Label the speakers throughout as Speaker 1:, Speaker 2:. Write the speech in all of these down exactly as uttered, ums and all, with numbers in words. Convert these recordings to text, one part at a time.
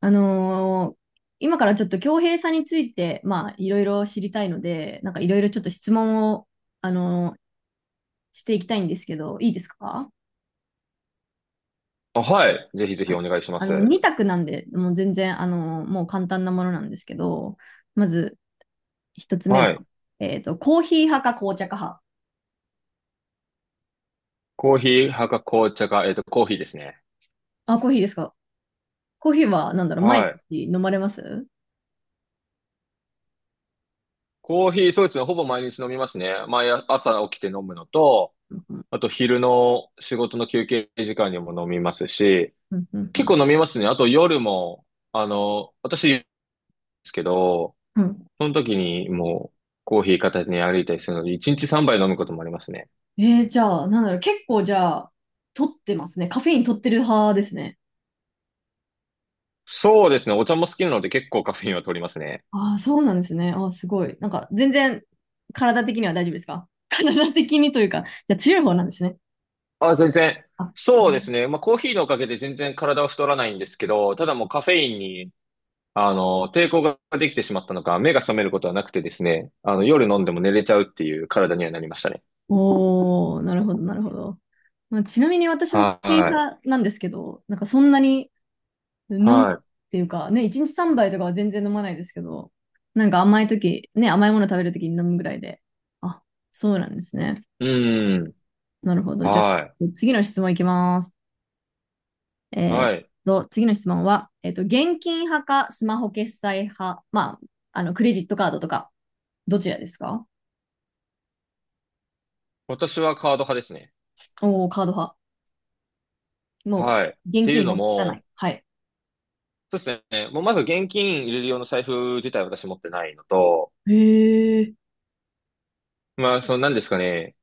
Speaker 1: あのー今からちょっと恭平さんについて、まあ、いろいろ知りたいので、なんかいろいろちょっと質問を、あのーしていきたいんですけど、いいですか？
Speaker 2: あ、はい。ぜひぜ
Speaker 1: は
Speaker 2: ひ
Speaker 1: い。
Speaker 2: お願いしま
Speaker 1: あの、
Speaker 2: す。
Speaker 1: に択なんで、もう全然、あのーもう簡単なものなんですけど、まずひとつめは、
Speaker 2: はい。
Speaker 1: えっと、コーヒー派か紅茶か派。
Speaker 2: コーヒー派か紅茶か、えっと、コーヒーですね。
Speaker 1: あ、コーヒーですか？コーヒーは、なんだろう、毎
Speaker 2: はい。
Speaker 1: 日飲まれます？
Speaker 2: コーヒー、そうですね。ほぼ毎日飲みますね。毎朝起きて飲むのと、
Speaker 1: うんう
Speaker 2: あと昼の仕事の休憩時間にも飲みますし、
Speaker 1: んうんう
Speaker 2: 結
Speaker 1: ん。
Speaker 2: 構飲みますね。あと夜も、あの、私ですけど、
Speaker 1: うん、
Speaker 2: その時にもうコーヒー片手に歩いたりするので、いちにちさんばい飲むこともありますね。
Speaker 1: えー、じゃあ、なんだろう、結構じゃあ、取ってますね。カフェイン取ってる派ですね。
Speaker 2: そうですね。お茶も好きなので結構カフェインは取りますね。
Speaker 1: ああ、そうなんですね。ああ、すごい。なんか、全然、体的には大丈夫ですか？ 体的にというか、じゃあ強い方なんですね。
Speaker 2: あ、全然。
Speaker 1: あ、う
Speaker 2: そうで
Speaker 1: ん。
Speaker 2: すね。まあ、コーヒーのおかげで全然体は太らないんですけど、ただもうカフェインに、あの、抵抗ができてしまったのか、目が覚めることはなくてですね、あの、夜飲んでも寝れちゃうっていう体にはなりましたね。
Speaker 1: おー、なるほど、なるほど。まあ、ちなみに私もコーヒー
Speaker 2: は
Speaker 1: 派なんですけど、なんかそんなに飲
Speaker 2: い。
Speaker 1: むっ
Speaker 2: は
Speaker 1: ていうか、ね、いちにちさんばいとかは全然飲まないですけど、なんか甘い時ね、甘いもの食べる時に飲むぐらいで。あ、そうなんですね。
Speaker 2: い。うん。
Speaker 1: なるほど。じゃあ、
Speaker 2: はい。
Speaker 1: 次の質問いきます。えー
Speaker 2: はい。
Speaker 1: と、次の質問は、えっと、現金派かスマホ決済派、まあ、あの、クレジットカードとか、どちらですか？
Speaker 2: 私はカード派ですね。
Speaker 1: おー、カード派。もう、
Speaker 2: はい。っ
Speaker 1: 現
Speaker 2: ていう
Speaker 1: 金
Speaker 2: の
Speaker 1: 持たない。
Speaker 2: も、
Speaker 1: はい。
Speaker 2: そうですね。もうまず現金入れる用の財布自体私持ってないのと、
Speaker 1: へえ。
Speaker 2: まあ、その何ですかね、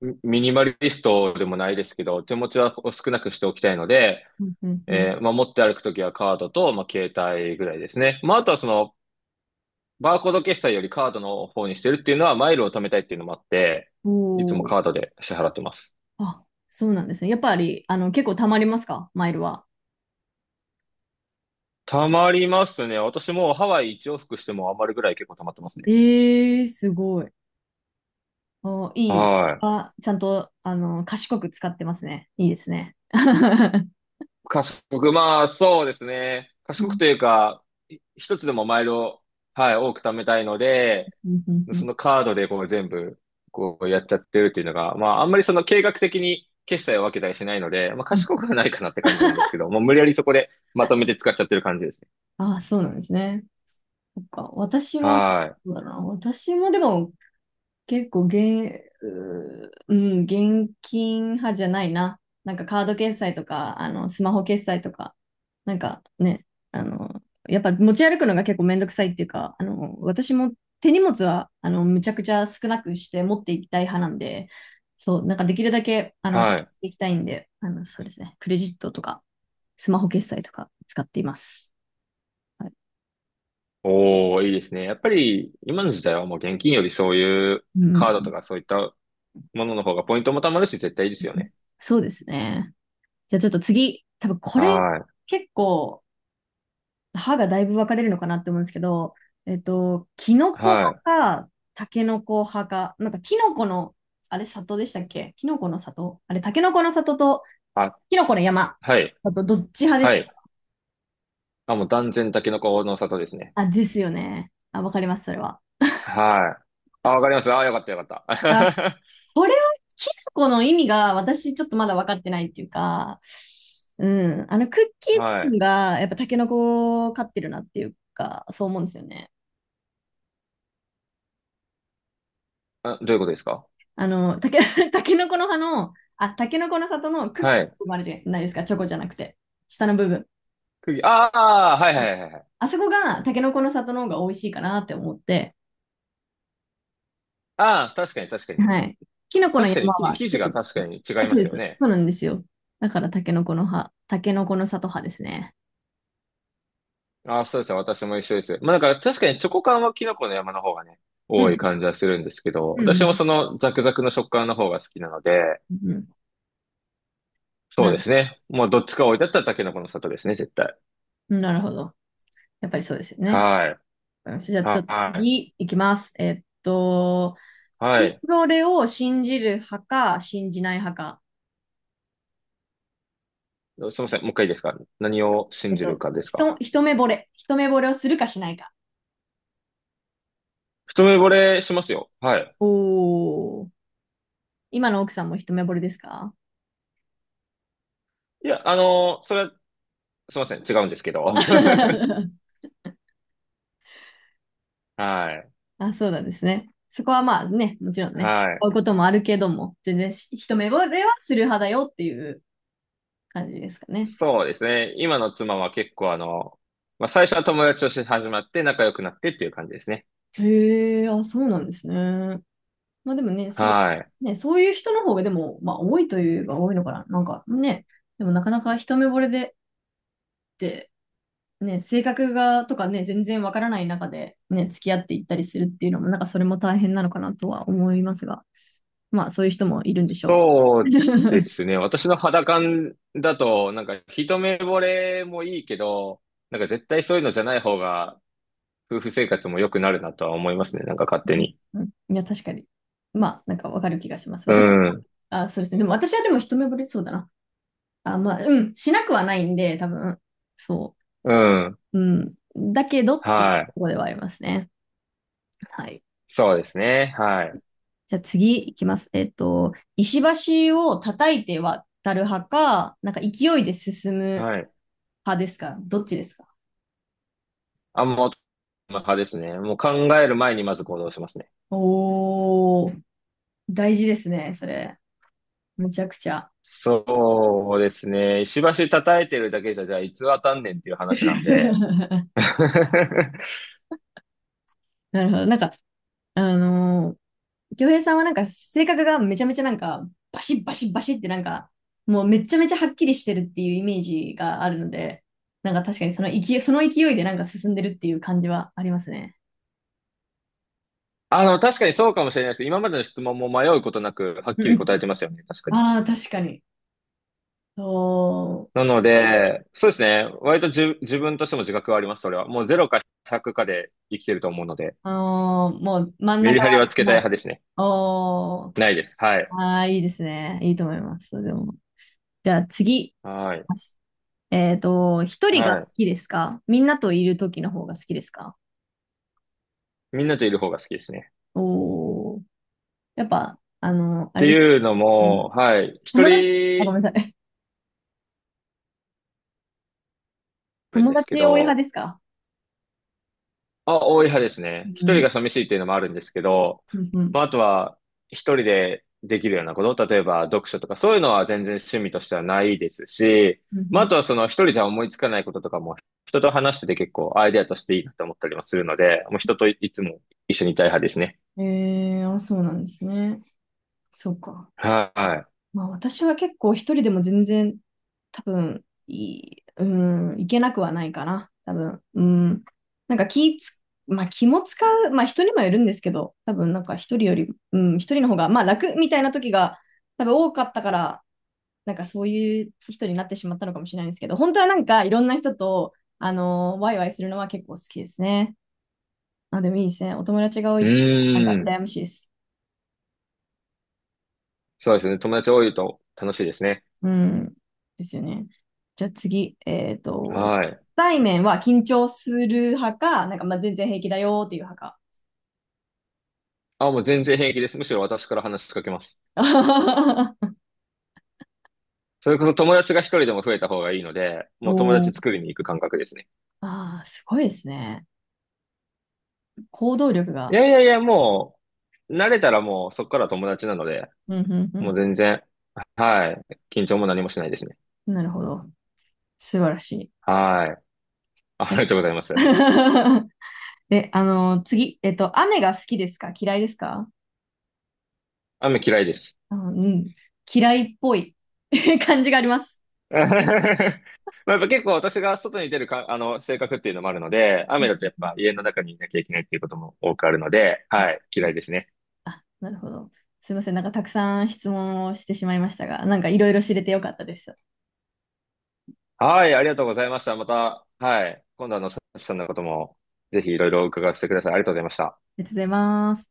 Speaker 2: ミミニマリストでもないですけど、手持ちは少なくしておきたいので、
Speaker 1: うんうんうん。
Speaker 2: えーまあ、持って歩くときはカードと、まあ、携帯ぐらいですね。まあ、あとはその、バーコード決済よりカードの方にしてるっていうのは、マイルを貯めたいっていうのもあって、
Speaker 1: お
Speaker 2: いつも
Speaker 1: ー。
Speaker 2: カードで支払ってます。
Speaker 1: あ、そうなんですね。やっぱり、あの、結構貯まりますか、マイルは？
Speaker 2: 貯まりますね。私もうハワイ一往復しても余るぐらい結構貯まってますね。
Speaker 1: ええ、すごい。おいい。
Speaker 2: はい。
Speaker 1: あ、ちゃんと、あの、賢く使ってますね。いいですね。
Speaker 2: 賢く、まあ、そうですね。賢くという か、い一つでもマイルを、はい、多く貯めたいので、
Speaker 1: うんうんう
Speaker 2: そ
Speaker 1: ん
Speaker 2: のカードでこう全部、こうやっちゃってるっていうのが、まあ、あんまりその計画的に決済を分けたりしないので、まあ、
Speaker 1: うん。
Speaker 2: 賢くはないかなって感じなんですけど、もう無理やりそこでまとめて使っちゃってる感じですね。
Speaker 1: あ、そうなんですね。そっか、私は、そ
Speaker 2: は
Speaker 1: う
Speaker 2: い。
Speaker 1: だな、私もでも結構現、うーうん、現金派じゃないな。なんかカード決済とか、あの、スマホ決済とか、なんかね、あの、やっぱ持ち歩くのが結構めんどくさいっていうか、あの、私も手荷物は、あの、むちゃくちゃ少なくして持っていきたい派なんで、そう、なんかできるだけ、あの、買っ
Speaker 2: はい。
Speaker 1: ていきたいんで、あの、そうですね、クレジットとか、スマホ決済とか使っています。はい、
Speaker 2: おー、いいですね。やっぱり、今の時代はもう現金よりそういう
Speaker 1: う
Speaker 2: カード
Speaker 1: ん、
Speaker 2: とかそういったものの方がポイントも貯まるし、絶対いいですよね。
Speaker 1: そうですね。じゃあちょっと次、多分これ
Speaker 2: はい。
Speaker 1: 結構歯がだいぶ分かれるのかなって思うんですけど、えっと、キノコ
Speaker 2: はい。
Speaker 1: 派か、タケノコ派か、なんかキノコの、あれ、里でしたっけ、キノコの里、あれ、タケノコの里と
Speaker 2: あ、
Speaker 1: キノコの山
Speaker 2: はい。
Speaker 1: だとどっち派で
Speaker 2: は
Speaker 1: す
Speaker 2: い。
Speaker 1: か？
Speaker 2: あ、もう断然タケノコの里ですね。
Speaker 1: あ、ですよね。あ、わかります、それは。
Speaker 2: はい。あ、わかります。あ、よかったよかっ
Speaker 1: あ、
Speaker 2: た。
Speaker 1: これはキノコの意味が私ちょっとまだ分かってないっていうか、うん、あのクッキ ー
Speaker 2: は
Speaker 1: 部
Speaker 2: い。
Speaker 1: 分がやっぱタケノコを飼ってるなっていうか、そう思うんですよね。
Speaker 2: あ、どういうことですか？
Speaker 1: あの、たけ、たけのこの葉の、あ、たけのこの里のクッキ
Speaker 2: はい。
Speaker 1: ーもあるじゃないですか、チョコじゃなくて、下の部分。は
Speaker 2: 釘、ああ、はいは
Speaker 1: い。
Speaker 2: いはいはい。
Speaker 1: あそこがたけのこの里の方が美味しいかなって思って、
Speaker 2: ああ、確かに確かに。
Speaker 1: はい。きのこの
Speaker 2: 確かに、
Speaker 1: 山
Speaker 2: き
Speaker 1: は
Speaker 2: 生
Speaker 1: ち
Speaker 2: 地
Speaker 1: ょっと
Speaker 2: が
Speaker 1: 違
Speaker 2: 確か
Speaker 1: う。
Speaker 2: に違
Speaker 1: あ、
Speaker 2: い
Speaker 1: そ
Speaker 2: ま
Speaker 1: うで
Speaker 2: すよ
Speaker 1: す。
Speaker 2: ね。
Speaker 1: そうなんですよ。だからたけのこの葉、たけのこの里葉ですね。
Speaker 2: ああ、そうですね。私も一緒です。まあだから確かにチョコ感はキノコの山の方がね、
Speaker 1: う
Speaker 2: 多い
Speaker 1: ん。
Speaker 2: 感じはするんですけど、
Speaker 1: うんう
Speaker 2: 私
Speaker 1: ん
Speaker 2: もそのザクザクの食感の方が好きなので、
Speaker 1: うんうん。
Speaker 2: そ
Speaker 1: な
Speaker 2: うで
Speaker 1: る、
Speaker 2: すね。もうどっちか置いてあったらタケノコの里ですね、絶対。
Speaker 1: なるほど。やっぱりそうですよね。
Speaker 2: はい。
Speaker 1: わかりました。じゃあちょっと
Speaker 2: はい。
Speaker 1: 次いきます。えっと、人
Speaker 2: はい。
Speaker 1: それを信じる派か信じない派か。
Speaker 2: すみません。もう一回いいですか？何を
Speaker 1: え
Speaker 2: 信
Speaker 1: っ
Speaker 2: じる
Speaker 1: と、
Speaker 2: かです
Speaker 1: ひ
Speaker 2: か？
Speaker 1: と一目惚れ。一目惚れをするかしないか。
Speaker 2: 一目惚れしますよ。はい。
Speaker 1: おー。今の奥さんも一目惚れですか？
Speaker 2: いや、あのーそれは、すみません。違うんですけど。はい。
Speaker 1: あ、そうなんですね。そこはまあね、もちろんね、
Speaker 2: は
Speaker 1: こ
Speaker 2: い。
Speaker 1: ういうこともあるけども、全然し一目惚れはする派だよっていう感じですかね。
Speaker 2: そうですね。今の妻は結構あの、まあ、最初は友達として始まって仲良くなってっていう感じですね。
Speaker 1: へえ、あ、そうなんですね。まあでもね、そう、
Speaker 2: はい。
Speaker 1: ね、そういう人の方がでも、まあ多いといえば多いのかな。なんかね、でもなかなか一目惚れでって、ね、性格がとかね、全然わからない中で、ね、付き合っていったりするっていうのも、なんかそれも大変なのかなとは思いますが、まあそういう人もいるんでしょ
Speaker 2: そうで
Speaker 1: う。
Speaker 2: すね。私の肌感だと、なんか一目惚れもいいけど、なんか絶対そういうのじゃない方が夫婦生活も良くなるなとは思いますね。なんか勝手に。
Speaker 1: いや、確かに。まあ、なんかわかる気がします。
Speaker 2: う
Speaker 1: 私、
Speaker 2: ん。
Speaker 1: あ、そうですね。でも私はでも一目惚れそうだな。あ、まあ、うん、しなくはないんで、多分、そ
Speaker 2: うん。
Speaker 1: う。うん。だけどっていうと
Speaker 2: はい。
Speaker 1: ころではありますね。はい。
Speaker 2: そうですね。はい。
Speaker 1: じゃあ次いきます。えっと、石橋を叩いて渡る派か、なんか勢いで進む
Speaker 2: はい。
Speaker 1: 派ですか、どっちですか？
Speaker 2: あ、もう、派ですね。もう考える前にまず行動しますね。
Speaker 1: おー、大事ですね、それ。むちゃくちゃ。
Speaker 2: そうですね。石橋叩いてるだけじゃ、じゃあ、いつ当たんねんっていう話なんで。
Speaker 1: なるほど。なんか、あのー、京平さんはなんか性格がめちゃめちゃなんか、バシッバシッバシッってなんか、もうめちゃめちゃはっきりしてるっていうイメージがあるので、なんか確かにその勢い、その勢いでなんか進んでるっていう感じはありますね。
Speaker 2: あの、確かにそうかもしれないですけど、今までの質問も迷うことなく、はっ
Speaker 1: う
Speaker 2: き
Speaker 1: んう
Speaker 2: り答
Speaker 1: ん。
Speaker 2: えてますよね。確かに。
Speaker 1: ああ、確かに。そ
Speaker 2: な
Speaker 1: う。
Speaker 2: ので、そうですね。割とじ自分としても自覚はあります、それは。もうゼロかひゃくかで生きてると思うので、
Speaker 1: あのーもう真ん
Speaker 2: メリ
Speaker 1: 中
Speaker 2: ハリは
Speaker 1: は
Speaker 2: つけたい
Speaker 1: な
Speaker 2: 派
Speaker 1: い。
Speaker 2: ですね。
Speaker 1: おー、
Speaker 2: ないです。はい。
Speaker 1: ああ、いいですね。いいと思います。でも。じゃあ次。
Speaker 2: はい。
Speaker 1: えっと、一人が好
Speaker 2: はい。
Speaker 1: きですか、みんなといる時の方が好きですか？
Speaker 2: みんなといる方が好きですね。
Speaker 1: おー。やっぱ、あの、
Speaker 2: っ
Speaker 1: あ
Speaker 2: て
Speaker 1: れです。
Speaker 2: いうの
Speaker 1: うん。
Speaker 2: も、はい、一
Speaker 1: 友達、あ、ご
Speaker 2: 人
Speaker 1: めんなさい。
Speaker 2: あるん
Speaker 1: 友
Speaker 2: ですけ
Speaker 1: 達多い派
Speaker 2: ど、
Speaker 1: ですか？
Speaker 2: あ、多い派ですね。一
Speaker 1: う
Speaker 2: 人
Speaker 1: ん。
Speaker 2: が寂しいっていうのもあるんですけど、
Speaker 1: うんうん。
Speaker 2: まあ、あとは、一人でできるようなこと、例えば読書とか、そういうのは全然趣味としてはないですし、
Speaker 1: う
Speaker 2: まあ、あ
Speaker 1: ん
Speaker 2: とはその一人じゃ思いつかないこととかも、人と話してて結構アイデアとしていいなと思ったりもするので、もう人といいつも一緒にいたい派ですね。
Speaker 1: うん。えー、あ、そうなんですね。そうか。
Speaker 2: は
Speaker 1: まあ、私は結構一人でも全然多分いい、うん、いけなくはないかな。多分、うん。なんか気つ、まあ気も使う、まあ人にもよるんですけど、多分なんか一人より、うん、一人の方が、まあ楽みたいな時が多分多かったから、なんかそういう人になってしまったのかもしれないんですけど、本当はなんかいろんな人と、あのーワイワイするのは結構好きですね。あ、でもいいですね。お友達が多い
Speaker 2: い。う
Speaker 1: って、なんか
Speaker 2: ーん。
Speaker 1: 羨ましいです。
Speaker 2: そうですね。友達多いと楽しいですね。
Speaker 1: うん。ですよね。じゃあ次、えっと、初
Speaker 2: はい。
Speaker 1: 対面は緊張する派か、なんかまあ全然平気だよっていう派か。
Speaker 2: あ、もう全然平気です。むしろ私から話しかけます。それこそ友達が一人でも増えた方がいいので、
Speaker 1: お
Speaker 2: もう友達
Speaker 1: ー。
Speaker 2: 作りに行く感覚ですね。
Speaker 1: ああ、すごいですね。行動力
Speaker 2: い
Speaker 1: が。
Speaker 2: やいやいや、もう、慣れたらもうそこから友達なので、
Speaker 1: うん、う
Speaker 2: もう
Speaker 1: ん、
Speaker 2: 全然、はい。緊張も何もしないですね。
Speaker 1: うん。なるほど。素晴らし
Speaker 2: はい。ありがとうございま
Speaker 1: い。
Speaker 2: す。
Speaker 1: で、あの、次、えっと、雨が好きですか、嫌いですか？
Speaker 2: 雨嫌いです。
Speaker 1: あのうん。嫌いっぽい 感じがあります。
Speaker 2: まあやっぱ結構私が外に出るか、あの、性格っていうのもあるので、
Speaker 1: う
Speaker 2: 雨だと
Speaker 1: ん
Speaker 2: やっぱ家の中にいなきゃいけないっていうことも多くあるので、
Speaker 1: うん
Speaker 2: はい。
Speaker 1: う
Speaker 2: 嫌
Speaker 1: ん。
Speaker 2: いですね。
Speaker 1: あ、なるほど。すいません。なんかたくさん質問をしてしまいましたが、なんかいろいろ知れてよかったです。あ
Speaker 2: はい。ありがとうございました。また、はい。今度あの、サチさんのことも、ぜひいろいろ伺わせてください。ありがとうございました。
Speaker 1: りがとうございます。